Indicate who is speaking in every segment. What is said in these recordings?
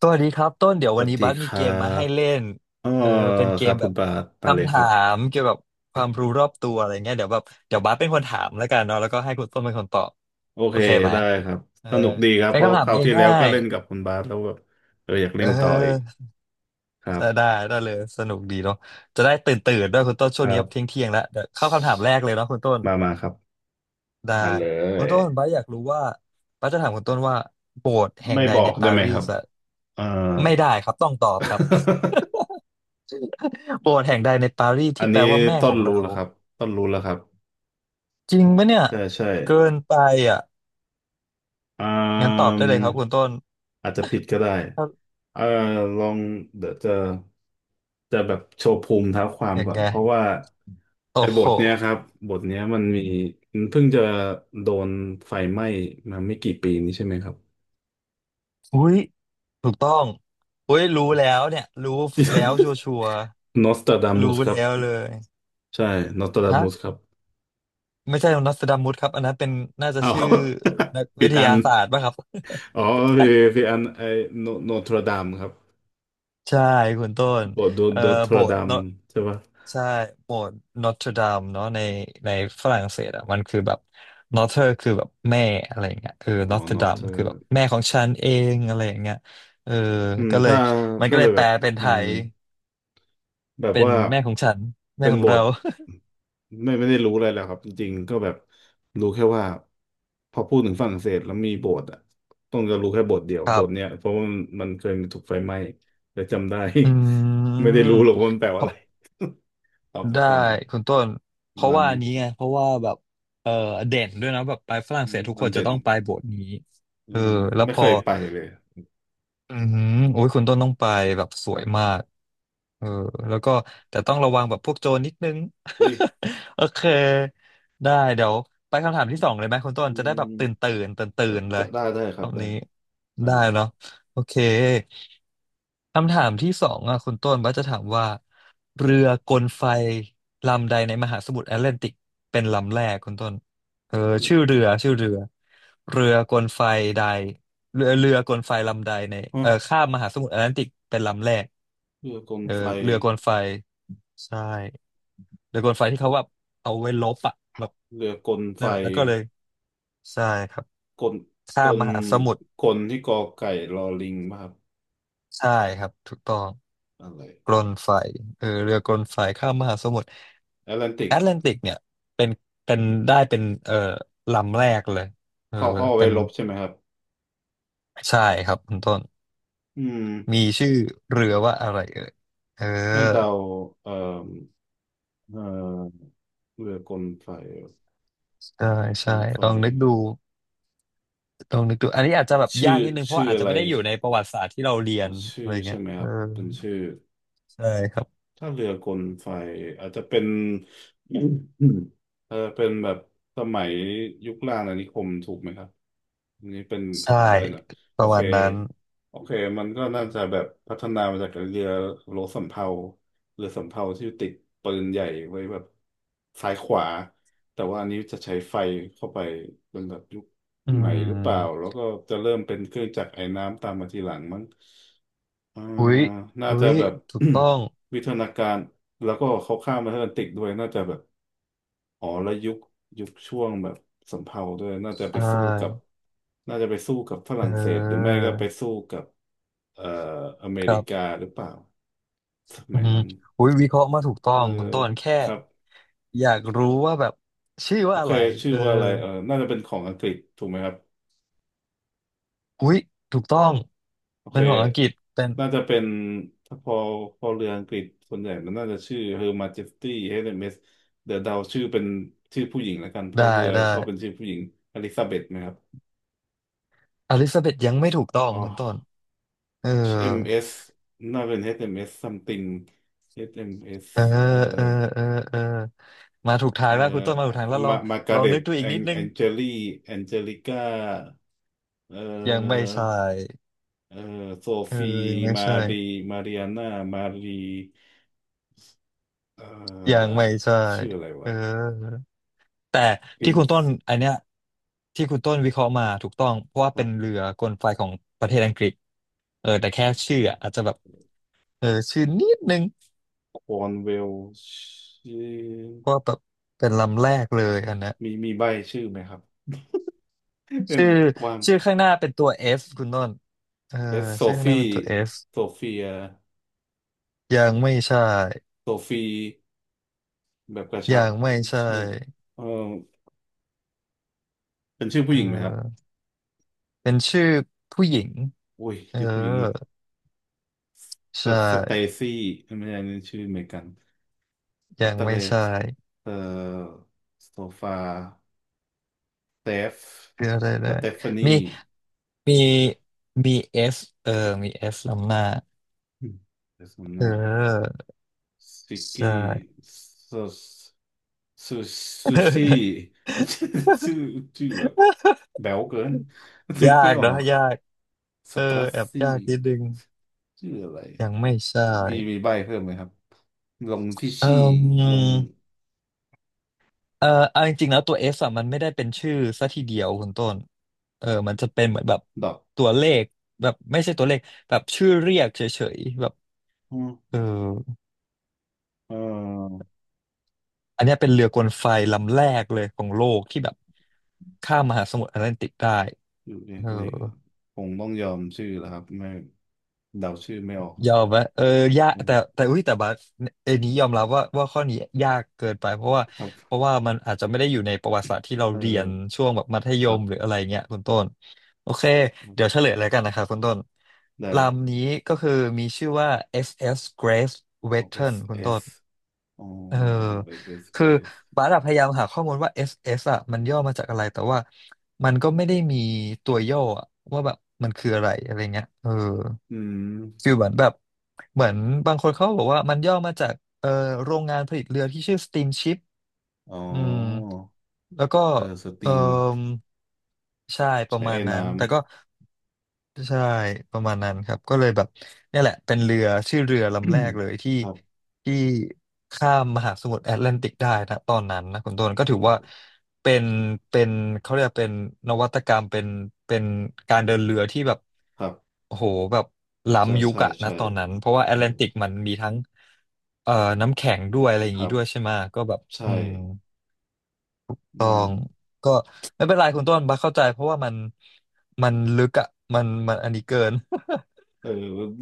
Speaker 1: สวัสดีครับต้นเดี๋ยว
Speaker 2: ส
Speaker 1: วั
Speaker 2: วั
Speaker 1: น
Speaker 2: ส
Speaker 1: นี้
Speaker 2: ดี
Speaker 1: บัส
Speaker 2: ค
Speaker 1: มีเก
Speaker 2: รั
Speaker 1: มมาให้
Speaker 2: บ
Speaker 1: เล่น
Speaker 2: เออ
Speaker 1: เออเป็นเก
Speaker 2: ครั
Speaker 1: ม
Speaker 2: บ
Speaker 1: แบ
Speaker 2: คุณ
Speaker 1: บ
Speaker 2: บาสไปเลย
Speaker 1: คำ
Speaker 2: ค
Speaker 1: ถา
Speaker 2: รับ
Speaker 1: มเกี่ยวกับความรู้รอบตัวอะไรเงี้ยเดี๋ยวแบบเดี๋ยวบัสเป็นคนถามแล้วกันเนาะแล้วก็ให้คุณต้นเป็นคนตอบ
Speaker 2: โอ
Speaker 1: โอ
Speaker 2: เค
Speaker 1: เคไหม
Speaker 2: ได้ครับ
Speaker 1: เออ
Speaker 2: สนุกดีครับ
Speaker 1: เป็
Speaker 2: เพ
Speaker 1: น
Speaker 2: ราะ
Speaker 1: คำถา
Speaker 2: ค
Speaker 1: ม
Speaker 2: ราวที่แล้
Speaker 1: ง่า
Speaker 2: วก็
Speaker 1: ย
Speaker 2: เล่นกับคุณบาสแล้วแบบเอออยาก
Speaker 1: ๆเ
Speaker 2: เล่นต่ออีก
Speaker 1: ออ
Speaker 2: ครั
Speaker 1: ได้
Speaker 2: บ
Speaker 1: ได้เลยสนุกดีเนาะจะได้ตื่นตื่นด้วยคุณต้นช่
Speaker 2: ค
Speaker 1: วง
Speaker 2: รั
Speaker 1: นี้เที่ยง
Speaker 2: บ
Speaker 1: เที่ยงแล้วเดี๋ยวเข้าคำถามแรกเลยเนาะคุณต้น
Speaker 2: มาครับ
Speaker 1: ได้
Speaker 2: มาเล
Speaker 1: คุณ
Speaker 2: ย
Speaker 1: ต้นบัสอยากรู้ว่าบัสจะถามคุณต้นว่าโบสถ์แห่ง
Speaker 2: ไม่
Speaker 1: ใด
Speaker 2: บอ
Speaker 1: ใน
Speaker 2: กได้
Speaker 1: ปา
Speaker 2: ไหม
Speaker 1: รี
Speaker 2: ครั
Speaker 1: ส
Speaker 2: บ
Speaker 1: อะ
Speaker 2: เออ
Speaker 1: ไม่ได้ครับต้องตอบครับ โปรดแห่งใดในปารีส
Speaker 2: อั
Speaker 1: ที่
Speaker 2: น
Speaker 1: แปล
Speaker 2: นี้
Speaker 1: ว่าแม่
Speaker 2: ต้
Speaker 1: ข
Speaker 2: น
Speaker 1: อง
Speaker 2: รู้
Speaker 1: เรา
Speaker 2: แล้วครับต้นรู้แล้วครับ
Speaker 1: จริงปะเนี่ย
Speaker 2: ใช่ใช่
Speaker 1: เกินไปอ่ะ
Speaker 2: อ่า
Speaker 1: งั้นตอบ
Speaker 2: ม
Speaker 1: ได้เลยครับคุณต้น
Speaker 2: อาจจะผิดก็ได้
Speaker 1: ถ้า
Speaker 2: เอ่อลองเดี๋ยวจะจะแบบโชว์ภูมิเท้าความ
Speaker 1: อย่าง
Speaker 2: ก่อน
Speaker 1: ไง
Speaker 2: เพราะว่า
Speaker 1: โอ้
Speaker 2: ไอ้บ
Speaker 1: โห
Speaker 2: ทเนี้ยครับ บทเนี้ยมันเพิ่งจะโดนไฟไหม้มาไม่กี่ปีนี้ใช่ไหมครับ
Speaker 1: อุ้ยถูกต้องอุ้ยรู้แล้วเนี่ยรู้แล้วชัวชัว
Speaker 2: นอสตราดามุส
Speaker 1: รู้
Speaker 2: ครับ
Speaker 1: แล้วเลย
Speaker 2: ใช่นอสตราดา
Speaker 1: ฮะ
Speaker 2: มุสครับ
Speaker 1: ไม่ใช่นอสตราดามุสครับอันนั้นเป็นน่าจะ
Speaker 2: อ้าว
Speaker 1: ชื่อ นัก
Speaker 2: ผิ
Speaker 1: วิ
Speaker 2: ด
Speaker 1: ท
Speaker 2: อั
Speaker 1: ยา
Speaker 2: น
Speaker 1: ศาสตร์ป่ะครับ
Speaker 2: อ๋อผิดอันไอ้โนโนทรดามครับ
Speaker 1: ใช่คุณต้น
Speaker 2: บท
Speaker 1: เอ่อ
Speaker 2: โดนท
Speaker 1: โบ
Speaker 2: ร
Speaker 1: ส
Speaker 2: ดา
Speaker 1: ถ์
Speaker 2: ม
Speaker 1: เนอะ
Speaker 2: ใช่ปะ
Speaker 1: ใช่โบสถ์นอตเทอร์ดามเนาะในฝรั่งเศสอ่ะมันคือแบบนอเทอร์คือแบบแม่อะไรอย่างเงี้ยเออ
Speaker 2: อ๋อ
Speaker 1: นอตเทอ
Speaker 2: น
Speaker 1: ร์
Speaker 2: อ
Speaker 1: ดา
Speaker 2: ท
Speaker 1: มคือแบบแม่ของฉันเองอะไรอย่างเงี้ยเออ
Speaker 2: อืม
Speaker 1: ก็เลย
Speaker 2: ถ้า
Speaker 1: มัน
Speaker 2: ก็
Speaker 1: ก็เล
Speaker 2: เล
Speaker 1: ย
Speaker 2: ย
Speaker 1: แป
Speaker 2: แบ
Speaker 1: ล
Speaker 2: บ
Speaker 1: เป็นไท
Speaker 2: อืม
Speaker 1: ย
Speaker 2: แบบ
Speaker 1: เป็น
Speaker 2: ว่า
Speaker 1: แม่ของฉันแม่
Speaker 2: เป็น
Speaker 1: ของ
Speaker 2: บ
Speaker 1: เรา
Speaker 2: ทไม่ได้รู้อะไรแล้วครับจริงๆก็แบบรู้แค่ว่าพอพูดถึงฝรั่งเศสแล้วมีโบสถ์อ่ะต้องจะรู้แค่โบสถ์เดียว
Speaker 1: ค
Speaker 2: โบ
Speaker 1: รั
Speaker 2: สถ์เนี้ย
Speaker 1: บ
Speaker 2: เพราะว่ามันเคยมีถูกไฟไหม้แต่จำได้
Speaker 1: อื
Speaker 2: ไม่ได้
Speaker 1: ม
Speaker 2: รู้หรอกว่ามันแปล
Speaker 1: เพ
Speaker 2: ว่าอะ
Speaker 1: ราะ
Speaker 2: ไรตอบไป
Speaker 1: ได้
Speaker 2: ก่อน
Speaker 1: คุณต้น
Speaker 2: ป
Speaker 1: เพ
Speaker 2: ระ
Speaker 1: ราะ
Speaker 2: มาณ
Speaker 1: ว่าอั
Speaker 2: นี้
Speaker 1: นนี้ไงเพราะว่าแบบเออเด่นด้วยนะแบบไปฝรั่ง
Speaker 2: อื
Speaker 1: เศ
Speaker 2: ม
Speaker 1: สทุก
Speaker 2: มั
Speaker 1: ค
Speaker 2: น
Speaker 1: นจะ
Speaker 2: เด่น
Speaker 1: ต้องไปโบสถ์นี้
Speaker 2: อื
Speaker 1: เออ
Speaker 2: ม
Speaker 1: แล้ว
Speaker 2: ไม่
Speaker 1: พ
Speaker 2: เค
Speaker 1: อ
Speaker 2: ยไปเลย
Speaker 1: อืมโอ้ยคุณต้นต้องไปแบบส
Speaker 2: ค
Speaker 1: ว
Speaker 2: รั
Speaker 1: ย
Speaker 2: บ
Speaker 1: มากเออแล้วก็แต่ต้องระวังแบบพวกโจรนิดนึง
Speaker 2: อุ้ย
Speaker 1: โอเคได้เดี๋ยวไปคำถามที่สองเลยไหมคุณต้
Speaker 2: อื
Speaker 1: นจะได้แบบ
Speaker 2: ม
Speaker 1: ตื่นตื่นตื่นตื่นๆเล
Speaker 2: จะ
Speaker 1: ย
Speaker 2: ได้ค
Speaker 1: ร
Speaker 2: รั
Speaker 1: อ
Speaker 2: บ
Speaker 1: บ
Speaker 2: ได้
Speaker 1: นี้
Speaker 2: ครับ
Speaker 1: ได้
Speaker 2: มา
Speaker 1: เนาะโอเคคำถามที่สองอ่ะคุณต้นว่าจะถามว่าเรื
Speaker 2: จะ
Speaker 1: อกลไฟลำใดในมหาสมุทรแอตแลนติกเป็นลำแรกคุณต้นเออชื่อเรือเรือกลไฟใด เรือกลไฟลำใดใน
Speaker 2: อ๋อ
Speaker 1: เอ่อข้ามมหาสมุทรแอตแลนติกเป็นลำแรก
Speaker 2: เรือกล
Speaker 1: เออ
Speaker 2: ไฟ
Speaker 1: เรือกลไฟใช่เรือกลไฟที่เขาว่าเอาไว้ลบอะแบบ
Speaker 2: เรือกลไฟ
Speaker 1: นั่นแหละแล้วก็เลยใช่ครับ
Speaker 2: กลก
Speaker 1: ข้าม
Speaker 2: ล
Speaker 1: มหาสมุทร
Speaker 2: กลที่กอไก่รอลิงป่ะครับ
Speaker 1: ใช่ครับถูกต้อง
Speaker 2: อะไร
Speaker 1: กลไฟเออเรือกลไฟข้ามมหาสมุทร
Speaker 2: แอตแลนติ
Speaker 1: แอ
Speaker 2: ก
Speaker 1: ตแลนติกเนี่ยเป็นเป็นได้เป็นเออลำแรกเลยเออ
Speaker 2: ข้อ
Speaker 1: เป็
Speaker 2: ไว้
Speaker 1: น
Speaker 2: ลบใช่ไหมครับ
Speaker 1: ใช่ครับคุณต้น
Speaker 2: อืม
Speaker 1: มีชื่อเรือว่าอะไรเอ่ยเออ
Speaker 2: ให้เดาเอ่อเอ่อเรือกลไฟ
Speaker 1: ใช่
Speaker 2: เรือก
Speaker 1: ใช่
Speaker 2: ลไฟ
Speaker 1: ลองนึกดู ลองนึกดูอันนี้อาจจะแบบ
Speaker 2: ชื่
Speaker 1: ยา
Speaker 2: อ
Speaker 1: กนิดนึงเพราะ
Speaker 2: ชื่อ
Speaker 1: ว่าอาจ
Speaker 2: อะ
Speaker 1: จะ
Speaker 2: ไร
Speaker 1: ไม่ได้อยู่ในประวัติศาสตร์ที่เราเรีย
Speaker 2: อ๋อ
Speaker 1: น
Speaker 2: ชื่
Speaker 1: อะ
Speaker 2: อ
Speaker 1: ไร
Speaker 2: ใช่
Speaker 1: เงี้ย
Speaker 2: ไหมค
Speaker 1: เอ
Speaker 2: รั
Speaker 1: อ
Speaker 2: บเป็นชื่อ
Speaker 1: ใช่ครับ
Speaker 2: ถ้าเรือกลไฟอาจจะเป็นอืมอืมเออเป็นแบบสมัยยุคล่างอาณานิคมถูกไหมครับอันนี้เป็นข
Speaker 1: ใช่
Speaker 2: อใบหน่อย
Speaker 1: ป
Speaker 2: โอ
Speaker 1: ระ
Speaker 2: เค
Speaker 1: มาณนั้น
Speaker 2: โอเคมันก็น่าจะแบบพัฒนามาจากเรือโลสำเภาเรือสำเภาที่ติดปืนใหญ่ไว้แบบซ้ายขวาแต่ว่าอันนี้จะใช้ไฟเข้าไปเป็นแบบยุค
Speaker 1: อื
Speaker 2: ใหม่หรือเปล่าแล้
Speaker 1: ม
Speaker 2: วก็จะเริ่มเป็นเครื่องจักรไอ้น้ำตามมาทีหลังมั้ง อ่า
Speaker 1: อุ้ย
Speaker 2: น่า
Speaker 1: อุ้
Speaker 2: จะ
Speaker 1: ย
Speaker 2: แบบ
Speaker 1: ถูกต้อง
Speaker 2: วิทยนาการแล้วก็เขาข้ามมาทางแอตแลนติกด้วยน่าจะแบบอ๋อแล้วยุคช่วงแบบสำเภาด้วยน่าจะไป
Speaker 1: ใช่
Speaker 2: สู้กับน่าจะไปสู้กับฝ
Speaker 1: เ
Speaker 2: รั่งเศสหรือไม่
Speaker 1: ออ
Speaker 2: ก็ไปสู้กับเอ่ออเม
Speaker 1: ค
Speaker 2: ริ
Speaker 1: รั
Speaker 2: กา
Speaker 1: บ
Speaker 2: หรือเปล่าส
Speaker 1: อื
Speaker 2: มัย
Speaker 1: ม
Speaker 2: นั้น
Speaker 1: อุ้ยวิเคราะห์มาถูกต้อ
Speaker 2: เออ
Speaker 1: งคุณต้นแค่
Speaker 2: ครับ
Speaker 1: อยากรู้ว่าแบบชื่อ
Speaker 2: โอ
Speaker 1: ว่าอะ
Speaker 2: เค
Speaker 1: ไร
Speaker 2: ชื่
Speaker 1: เอ
Speaker 2: อ
Speaker 1: อ
Speaker 2: ว่าอะไรเออน่าจะเป็นของอังกฤษถูกไหมครับ
Speaker 1: อุ้ยถูกต้อง
Speaker 2: โอ
Speaker 1: เป็
Speaker 2: เค
Speaker 1: นของอังกฤษเป็น
Speaker 2: น่าจะเป็นถ้าพอพอเรืออังกฤษส่วนใหญ่มันน่าจะชื่อ Her Majesty HMS เอ็มเอสเดี๋ยวเดาชื่อเป็นชื่อผู้หญิงแล้วกันเพ
Speaker 1: ได้
Speaker 2: ราะเรือ
Speaker 1: ได้
Speaker 2: ชอบเป็นชื่อผู้หญิงอลิซาเบธไหมครับ
Speaker 1: อลิซาเบธยังไม่ถูกต้อง
Speaker 2: อ๋อ
Speaker 1: คุณต้นเออ
Speaker 2: HMS น่าเป็น HMS something HMS
Speaker 1: เออ
Speaker 2: อชเอ็มเอสอะไร
Speaker 1: เออเออเออมาถูกทา
Speaker 2: เอ่
Speaker 1: งแล้วคุณต้นมาถูกทางแล้วลอง
Speaker 2: มากา
Speaker 1: ล
Speaker 2: ร์
Speaker 1: อง
Speaker 2: เร็
Speaker 1: นึ
Speaker 2: ต
Speaker 1: กดูอีกนิดนึ
Speaker 2: แอ
Speaker 1: ง
Speaker 2: งเจลี่แองเจลิก้าเอ่อ
Speaker 1: ยังไม่ใช่
Speaker 2: เอ่อโซ
Speaker 1: เออ
Speaker 2: ฟี
Speaker 1: ยังไม่
Speaker 2: มา
Speaker 1: ใช่
Speaker 2: รีมาริอาน่ามารีเอ่อ
Speaker 1: ยังไม่ใช่
Speaker 2: ชื่ออะไร
Speaker 1: เอ
Speaker 2: วะ
Speaker 1: อแต่
Speaker 2: p ิ
Speaker 1: ที่
Speaker 2: น
Speaker 1: คุณต้น
Speaker 2: ซ์
Speaker 1: อันเนี้ยที่คุณต้นวิเคราะห์มาถูกต้องเพราะว่า
Speaker 2: ค
Speaker 1: เป็
Speaker 2: รั
Speaker 1: น
Speaker 2: บ
Speaker 1: เรือกลไฟของประเทศอังกฤษเออแต่แค่ชื่ออะอาจจะแบบเออชื่อนิดนึง
Speaker 2: ควอนเวลชื่อ
Speaker 1: เพราะว่าแบบเป็นลำแรกเลยอันเนี้ย
Speaker 2: มีใบชื่อไหมครับ เป็น
Speaker 1: ชื่อ
Speaker 2: วาม
Speaker 1: ชื่อข้างหน้าเป็นตัว F คุณต้นเออ
Speaker 2: เอสโซ
Speaker 1: ชื่อข้างห
Speaker 2: ฟี
Speaker 1: น้าเป็นตัว F
Speaker 2: โซเฟีย
Speaker 1: ยังไม่ใช่
Speaker 2: โซฟีแบบกระชั
Speaker 1: ยั
Speaker 2: บ
Speaker 1: งไม่ใช่
Speaker 2: ใช่เออเป็นชื่อผู้
Speaker 1: เอ
Speaker 2: หญิงไหมครับ
Speaker 1: อเป็นชื่อผู้หญิง
Speaker 2: อุ้ย
Speaker 1: เออ
Speaker 2: ชื่อผู้หญิงอีก
Speaker 1: ใช่
Speaker 2: เตซี่ไม่ใช่นี่ชื่ออเมริกันส
Speaker 1: ยัง
Speaker 2: เตเล
Speaker 1: ไม่
Speaker 2: ส
Speaker 1: ใช่
Speaker 2: เอ่อโซฟาเตฟ
Speaker 1: คืออะไร
Speaker 2: ส
Speaker 1: นะ
Speaker 2: เตฟา
Speaker 1: มี
Speaker 2: นี
Speaker 1: มีมีเอสเออมีเอสลำหน้า
Speaker 2: อืมเดี๋ย่สมห
Speaker 1: เ
Speaker 2: น้า
Speaker 1: ออ
Speaker 2: ซิก
Speaker 1: ใ
Speaker 2: กี้
Speaker 1: ช่
Speaker 2: ส ซูซูซี่มันชื่อชื่อชื่อแบบแบ๊วเกิน นึ ก
Speaker 1: ยา
Speaker 2: ไม่
Speaker 1: ก
Speaker 2: อ
Speaker 1: เน
Speaker 2: อ
Speaker 1: อะ
Speaker 2: ก
Speaker 1: ยาก
Speaker 2: ส
Speaker 1: เออ
Speaker 2: ตรัส
Speaker 1: แอบยา
Speaker 2: ซี่
Speaker 1: กนิดนึง
Speaker 2: ชื่ออะไร
Speaker 1: ยังไม่ใช่
Speaker 2: มีใบเพิ่มไหมครับลงที่
Speaker 1: เอ
Speaker 2: ชี่ล
Speaker 1: อ
Speaker 2: ง
Speaker 1: เออเอาจริงๆแล้วตัวเออะมันไม่ได้เป็นชื่อซะทีเดียวคุณต้นเออมันจะเป็นเหมือนแบบ
Speaker 2: ดอก
Speaker 1: ตัวเลขแบบไม่ใช่ตัวเลขแบบชื่อเรียกเฉยๆแบบ
Speaker 2: อม
Speaker 1: เออ
Speaker 2: เออ
Speaker 1: อันเนี้ยเป็นเรือกลไฟลำแรกเลยของโลกที่แบบข้ามมหาสมุทรแอตแลนติกได้
Speaker 2: อยู่เรีย
Speaker 1: เอ
Speaker 2: กเลยก็
Speaker 1: อ
Speaker 2: คงต้องยอมชื่อแล้วครับไม่เดาชื่อไม่ออก
Speaker 1: ย
Speaker 2: แล้ว
Speaker 1: อมไหมเออยาก
Speaker 2: อืม
Speaker 1: แต่อุ้ยแต่บัสเอนี้ยอมรับว่าข้อนี้ยากเกินไปเพราะว่า
Speaker 2: ครั
Speaker 1: เพราะ
Speaker 2: บ
Speaker 1: ว่ามันอาจจะไม่ได้อยู่ในประวัติศาสตร์ที่เรา
Speaker 2: เอ
Speaker 1: เรียน
Speaker 2: อ
Speaker 1: ช่วงแบบมัธย
Speaker 2: ครั
Speaker 1: มหรือ
Speaker 2: บ
Speaker 1: อะไรเงี้ยคุณต้น โอเค
Speaker 2: ครั
Speaker 1: เดี๋ยวเฉ
Speaker 2: บ
Speaker 1: ลยแล้วกันนะครับคุณต้น
Speaker 2: ได้เลยครั
Speaker 1: ลำ
Speaker 2: บ
Speaker 1: นี้ก็คือมีชื่อว่า SS Grace
Speaker 2: อ๋อเอส
Speaker 1: Wheaton คุณ
Speaker 2: เอ
Speaker 1: ต้
Speaker 2: ส
Speaker 1: น
Speaker 2: อ๋อ
Speaker 1: เออ
Speaker 2: เอสเอส
Speaker 1: คือ
Speaker 2: Grace
Speaker 1: บาร์ดพยายามหาข้อมูลว่า SS อสเอสอ่ะมันย่อมาจากอะไรแต่ว่ามันก็ไม่ได้มีตัวย่ออะว่าแบบมันคืออะไรอะไรเงี้ยเออ
Speaker 2: อืม
Speaker 1: ฟีลเหมือนแบบเหมือนบางคนเขาบอกว่ามันย่อมาจากเออโรงงานผลิตเรือที่ชื่อ Steamship
Speaker 2: อ๋อ
Speaker 1: อืมแล้วก็
Speaker 2: เออสต
Speaker 1: เอ
Speaker 2: รี
Speaker 1: อ
Speaker 2: ม
Speaker 1: ใช่ประ
Speaker 2: ใช้
Speaker 1: มา
Speaker 2: ไอ้
Speaker 1: ณ นั้
Speaker 2: น้
Speaker 1: นแต่ก็ ใช่ประมาณนั้นครับก็เลยแบบเนี่ยแหละเป็นเรือชื่อเรือลำแรก
Speaker 2: ำ
Speaker 1: เลยที่
Speaker 2: ครับ
Speaker 1: ที่ข้ามมหาสมุทรแอตแลนติกได้นะตอนนั้นนะคุณต้นก็
Speaker 2: เอ
Speaker 1: ถือว่า
Speaker 2: อ
Speaker 1: เป็นเป็นเขาเรียกว่าเป็นนวัตกรรมเป็นการเดินเรือที่แบบ
Speaker 2: ครับ
Speaker 1: โอ้โหแบบล้ำยุคอะนะ
Speaker 2: ใช่
Speaker 1: ตอนนั้นเพราะว่าแอ
Speaker 2: เอ
Speaker 1: ต
Speaker 2: อ
Speaker 1: แลนติกมันมีทั้งเอ่อน้ำแข็งด้วยอะไรอย่า
Speaker 2: ค
Speaker 1: งนี้
Speaker 2: รั
Speaker 1: ด้วยใช่
Speaker 2: บ
Speaker 1: ไหมะก็แบบ
Speaker 2: ใช่
Speaker 1: อืม
Speaker 2: อื
Speaker 1: ตอ
Speaker 2: ม
Speaker 1: งก็ไม่เป็นไรคุณต้นบัสเข้าใจเพราะว่ามันลึกอ่ะมันอันนี้เกิน
Speaker 2: เอ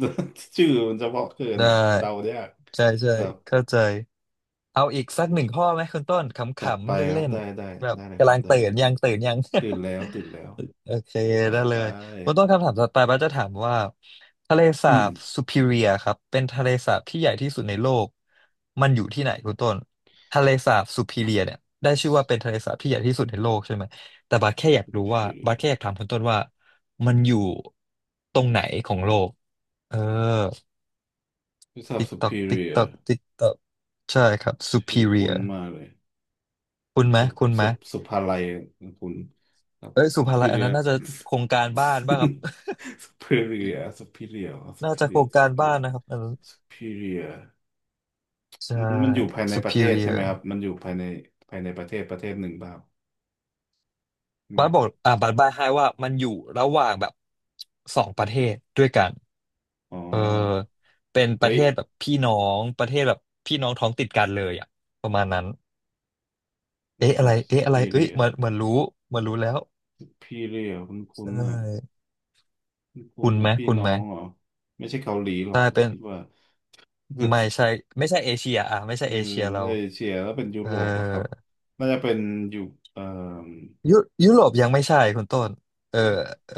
Speaker 2: อ ชื่อมันเฉพาะเกิน
Speaker 1: ได้
Speaker 2: อ่ะเดายาก
Speaker 1: ใช่ใช่
Speaker 2: ครับ
Speaker 1: เข้าใจเอาอีกสักหนึ่งข้อไหมคุณต้นข
Speaker 2: จัด
Speaker 1: ำ
Speaker 2: ไป
Speaker 1: ๆ
Speaker 2: ครั
Speaker 1: เล่
Speaker 2: บ
Speaker 1: นๆแบบ
Speaker 2: ได้เลยค
Speaker 1: กำ
Speaker 2: รั
Speaker 1: ลั
Speaker 2: บ
Speaker 1: ง
Speaker 2: ได้
Speaker 1: ตื่
Speaker 2: เลย
Speaker 1: นยังตื่นยัง
Speaker 2: ตื่นแล้วตื่นแล้ว
Speaker 1: โอเคได้
Speaker 2: ไป
Speaker 1: เลยคุณต้นคำถามต่อไปบ้าสจะถามว่าทะเลสา
Speaker 2: อืม
Speaker 1: บซูพิเรียครับเป็นทะเลสาบที่ใหญ่ที่สุดในโลกมันอยู่ที่ไหนคุณต้นทะเลสาบซูพิเรียเนี่ยได้ชื่อว่าเป็นทะเลสาบที่ใหญ่ที่สุดในโลกใช่ไหมแต่บ้าสแค่อยากรู้ว่าบ้าส
Speaker 2: superior
Speaker 1: แค่อยากถามคุณต้นว่ามันอยู่ตรงไหนของโลกเออ
Speaker 2: ที่สั
Speaker 1: ติ๊กตอกติ๊กต
Speaker 2: superior
Speaker 1: อกติ๊กตอกใช่ครับ
Speaker 2: ช
Speaker 1: ซู
Speaker 2: ื่
Speaker 1: พิ
Speaker 2: อ
Speaker 1: เรีย
Speaker 2: คุ้นมากเลย
Speaker 1: คุณไหม
Speaker 2: สุ
Speaker 1: คุณไหม
Speaker 2: สุสุภาลัยคุณครับ
Speaker 1: เอ้ยสุภาลัยอันนั้
Speaker 2: superior
Speaker 1: นน่าจะโครงการบ้าน บ้างครับ
Speaker 2: superior superior อ๋อ
Speaker 1: น่าจะโคร
Speaker 2: superior
Speaker 1: งการบ้า
Speaker 2: superior
Speaker 1: นนะครับ
Speaker 2: superior
Speaker 1: ใช่
Speaker 2: มันอยู่ภายในประเทศใช่ไหม
Speaker 1: superior
Speaker 2: ครับมันอยู่ภายในประเทศหนึ่งเปล่าใช่ไหม
Speaker 1: บัสบอกอ่าบัสบายให้ว่ามันอยู่ระหว่างแบบสองประเทศด้วยกัน
Speaker 2: อ๋อ
Speaker 1: เออเป็นประ
Speaker 2: เฮ้
Speaker 1: เท
Speaker 2: ย
Speaker 1: ศแบบพี่น้องประเทศแบบพี่น้องท้องติดกันเลยอ่ะประมาณนั้นเอ๊ะ
Speaker 2: what's
Speaker 1: อะไร
Speaker 2: up
Speaker 1: เอ๊ะอะไรเอ้ยเหมือ
Speaker 2: superior
Speaker 1: นเหมือนรู้เหมือนรู้แล้ว
Speaker 2: superior
Speaker 1: ใช
Speaker 2: ณน่ะ
Speaker 1: ่
Speaker 2: คุณคุณ
Speaker 1: คุณไห
Speaker 2: น่ะ
Speaker 1: ม
Speaker 2: พี่
Speaker 1: คุณ
Speaker 2: น้อ
Speaker 1: ไหม
Speaker 2: งเหรอไม่ใช่เกาหลีหรอ
Speaker 1: ใช่
Speaker 2: ก
Speaker 1: เป็น
Speaker 2: คิดว่า
Speaker 1: ไม่ ใช่ไม่ใช่เอเชียอ่ะไม่ใช่
Speaker 2: เออ
Speaker 1: เอเชียเรา
Speaker 2: เอเชียแล้วเป็นยุ
Speaker 1: เออ
Speaker 2: โรปอะครับน่าจะเป็นอยู่เอ่
Speaker 1: ยุยุโรปยังไม่ใช่คุณต้นเออ
Speaker 2: อ
Speaker 1: เออ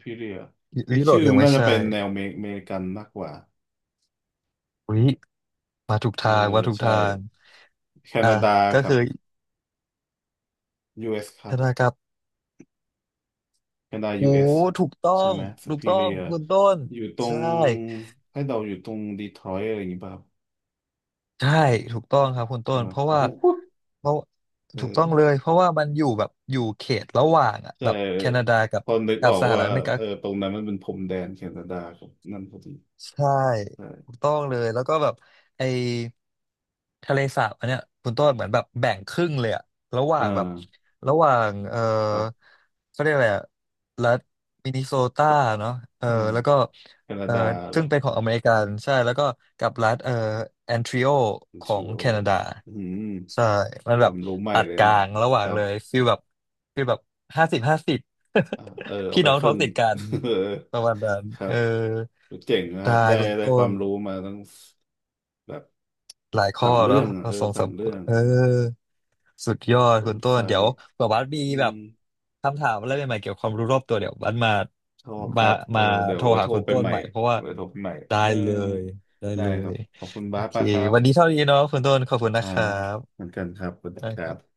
Speaker 2: พี่เรียนี่
Speaker 1: ยุโร
Speaker 2: ชื่
Speaker 1: ป
Speaker 2: อ
Speaker 1: ยั
Speaker 2: มั
Speaker 1: ง
Speaker 2: น
Speaker 1: ไม่
Speaker 2: น่าจะ
Speaker 1: ใช่
Speaker 2: เป็นแนวเมริกันมากกว่า
Speaker 1: อุ้ยมาถูก
Speaker 2: เอ
Speaker 1: ทา
Speaker 2: อ
Speaker 1: งมาถูก
Speaker 2: ใช่
Speaker 1: ทาง
Speaker 2: แค
Speaker 1: อ่า
Speaker 2: นาดา
Speaker 1: ก็
Speaker 2: กับ
Speaker 1: คือ
Speaker 2: US ครั
Speaker 1: ธ
Speaker 2: บ
Speaker 1: นาครับ
Speaker 2: แคนาดา
Speaker 1: โอ้
Speaker 2: US
Speaker 1: ถูกต้อ
Speaker 2: ใช่
Speaker 1: ง
Speaker 2: ไหมส
Speaker 1: ถูก
Speaker 2: ปี
Speaker 1: ต้อ
Speaker 2: เรี
Speaker 1: ง
Speaker 2: ย
Speaker 1: คุณต้น
Speaker 2: อยู่ตร
Speaker 1: ใช่
Speaker 2: งให้เดาอยู่ตรงดีทรอยต์อะไรอย่างงี้ป่ะครับ
Speaker 1: ใช่ถูกต้องครับคุณต้
Speaker 2: ใช่
Speaker 1: น
Speaker 2: ป่ะ
Speaker 1: เพราะ
Speaker 2: โอ้
Speaker 1: ว่า
Speaker 2: โห
Speaker 1: เพราะ
Speaker 2: เ
Speaker 1: ถูกต้องเล
Speaker 2: ออ
Speaker 1: ยเพราะว่ามันอยู่แบบอยู่เขตระหว่างอ่ะ
Speaker 2: ใช่
Speaker 1: แบบแคนาดากับ
Speaker 2: พอนึก
Speaker 1: กั
Speaker 2: อ
Speaker 1: บ
Speaker 2: อก
Speaker 1: สห
Speaker 2: ว่า
Speaker 1: รัฐอเมริกา
Speaker 2: เออตรงนั้นมันเป็นพรมแดนแคนาดากับนั่นพอดี
Speaker 1: ใช่ถู
Speaker 2: ใช่
Speaker 1: กต้องเลยแล้วก็แบบไอทะเลสาบอันเนี้ยคุณต้นเหมือนแบบแบ่งครึ่งเลยอะระหว่า
Speaker 2: อ่
Speaker 1: งแบบ
Speaker 2: า
Speaker 1: ระหว่างเออ
Speaker 2: ครับ
Speaker 1: เขาเรียกอะไรอะรัฐมินนิโซตาเนาะเออ
Speaker 2: อ่า
Speaker 1: แล้วก็
Speaker 2: แคนา
Speaker 1: เออ
Speaker 2: ดาเหร
Speaker 1: ซึ่
Speaker 2: อ
Speaker 1: งเป็นของอเมริกันใช่แล้วก็กับรัฐเออแอนทริโอ
Speaker 2: o n
Speaker 1: ข
Speaker 2: t
Speaker 1: อง
Speaker 2: อ
Speaker 1: แค
Speaker 2: r i
Speaker 1: นาดา
Speaker 2: อืม
Speaker 1: ใช่มัน
Speaker 2: ค
Speaker 1: แบ
Speaker 2: วา
Speaker 1: บ
Speaker 2: มรู้ใหม่
Speaker 1: ตัด
Speaker 2: เลย
Speaker 1: กลา
Speaker 2: เนี่ย
Speaker 1: งระห
Speaker 2: ค
Speaker 1: ว่าง
Speaker 2: รั
Speaker 1: เล
Speaker 2: บ
Speaker 1: ยฟีลแบบฟีลแบบ50/50
Speaker 2: อ่าเออ เอา
Speaker 1: พี่
Speaker 2: ไป
Speaker 1: น้อง
Speaker 2: ค
Speaker 1: ท้
Speaker 2: รึ่
Speaker 1: อง
Speaker 2: ง
Speaker 1: ติดกัน
Speaker 2: เออ
Speaker 1: ประมาณนั้น
Speaker 2: ครั
Speaker 1: เออ
Speaker 2: บเจ๋งนะค
Speaker 1: ได้
Speaker 2: รับได้
Speaker 1: คุณ
Speaker 2: ได้
Speaker 1: ต้
Speaker 2: ควา
Speaker 1: น
Speaker 2: มรู้มาทั้งแบบ
Speaker 1: หลายข้
Speaker 2: สา
Speaker 1: อ
Speaker 2: ม
Speaker 1: แล้
Speaker 2: เรื่
Speaker 1: ว
Speaker 2: องอะ
Speaker 1: มา
Speaker 2: เออ
Speaker 1: ส่ง
Speaker 2: สา
Speaker 1: สา
Speaker 2: ม
Speaker 1: ม
Speaker 2: เรื่อง
Speaker 1: เออสุดยอด
Speaker 2: ส
Speaker 1: คุ
Speaker 2: น
Speaker 1: ณต้
Speaker 2: ไฟ
Speaker 1: นเดี๋ยวแบบว่ามี
Speaker 2: อื
Speaker 1: แบ
Speaker 2: ม
Speaker 1: บคำถามอะไรใหม่ๆเกี่ยวกับความรู้รอบตัวเดี๋ยวบัสมา
Speaker 2: ชอบค
Speaker 1: มา
Speaker 2: รับเออ
Speaker 1: มา
Speaker 2: เดี๋ย
Speaker 1: โท
Speaker 2: ว
Speaker 1: ร
Speaker 2: ไว้
Speaker 1: หา
Speaker 2: โทร
Speaker 1: คุณ
Speaker 2: ไป
Speaker 1: ต้น
Speaker 2: ใหม่
Speaker 1: ใหม่เพราะว่า
Speaker 2: ไว้โทรไปใหม่
Speaker 1: ได้
Speaker 2: เออ
Speaker 1: เลยได้
Speaker 2: ได้
Speaker 1: เล
Speaker 2: ครั
Speaker 1: ย
Speaker 2: บขอบคุณ
Speaker 1: โอ
Speaker 2: บาส
Speaker 1: เค
Speaker 2: มากครั
Speaker 1: วันนี้
Speaker 2: บ
Speaker 1: เท่านี้เนาะคุณต้นขอบคุณ
Speaker 2: อ่า
Speaker 1: นะครับ
Speaker 2: เหมือนกันครับสวัสดี
Speaker 1: ได้
Speaker 2: ค
Speaker 1: ค
Speaker 2: รั
Speaker 1: รับ
Speaker 2: บ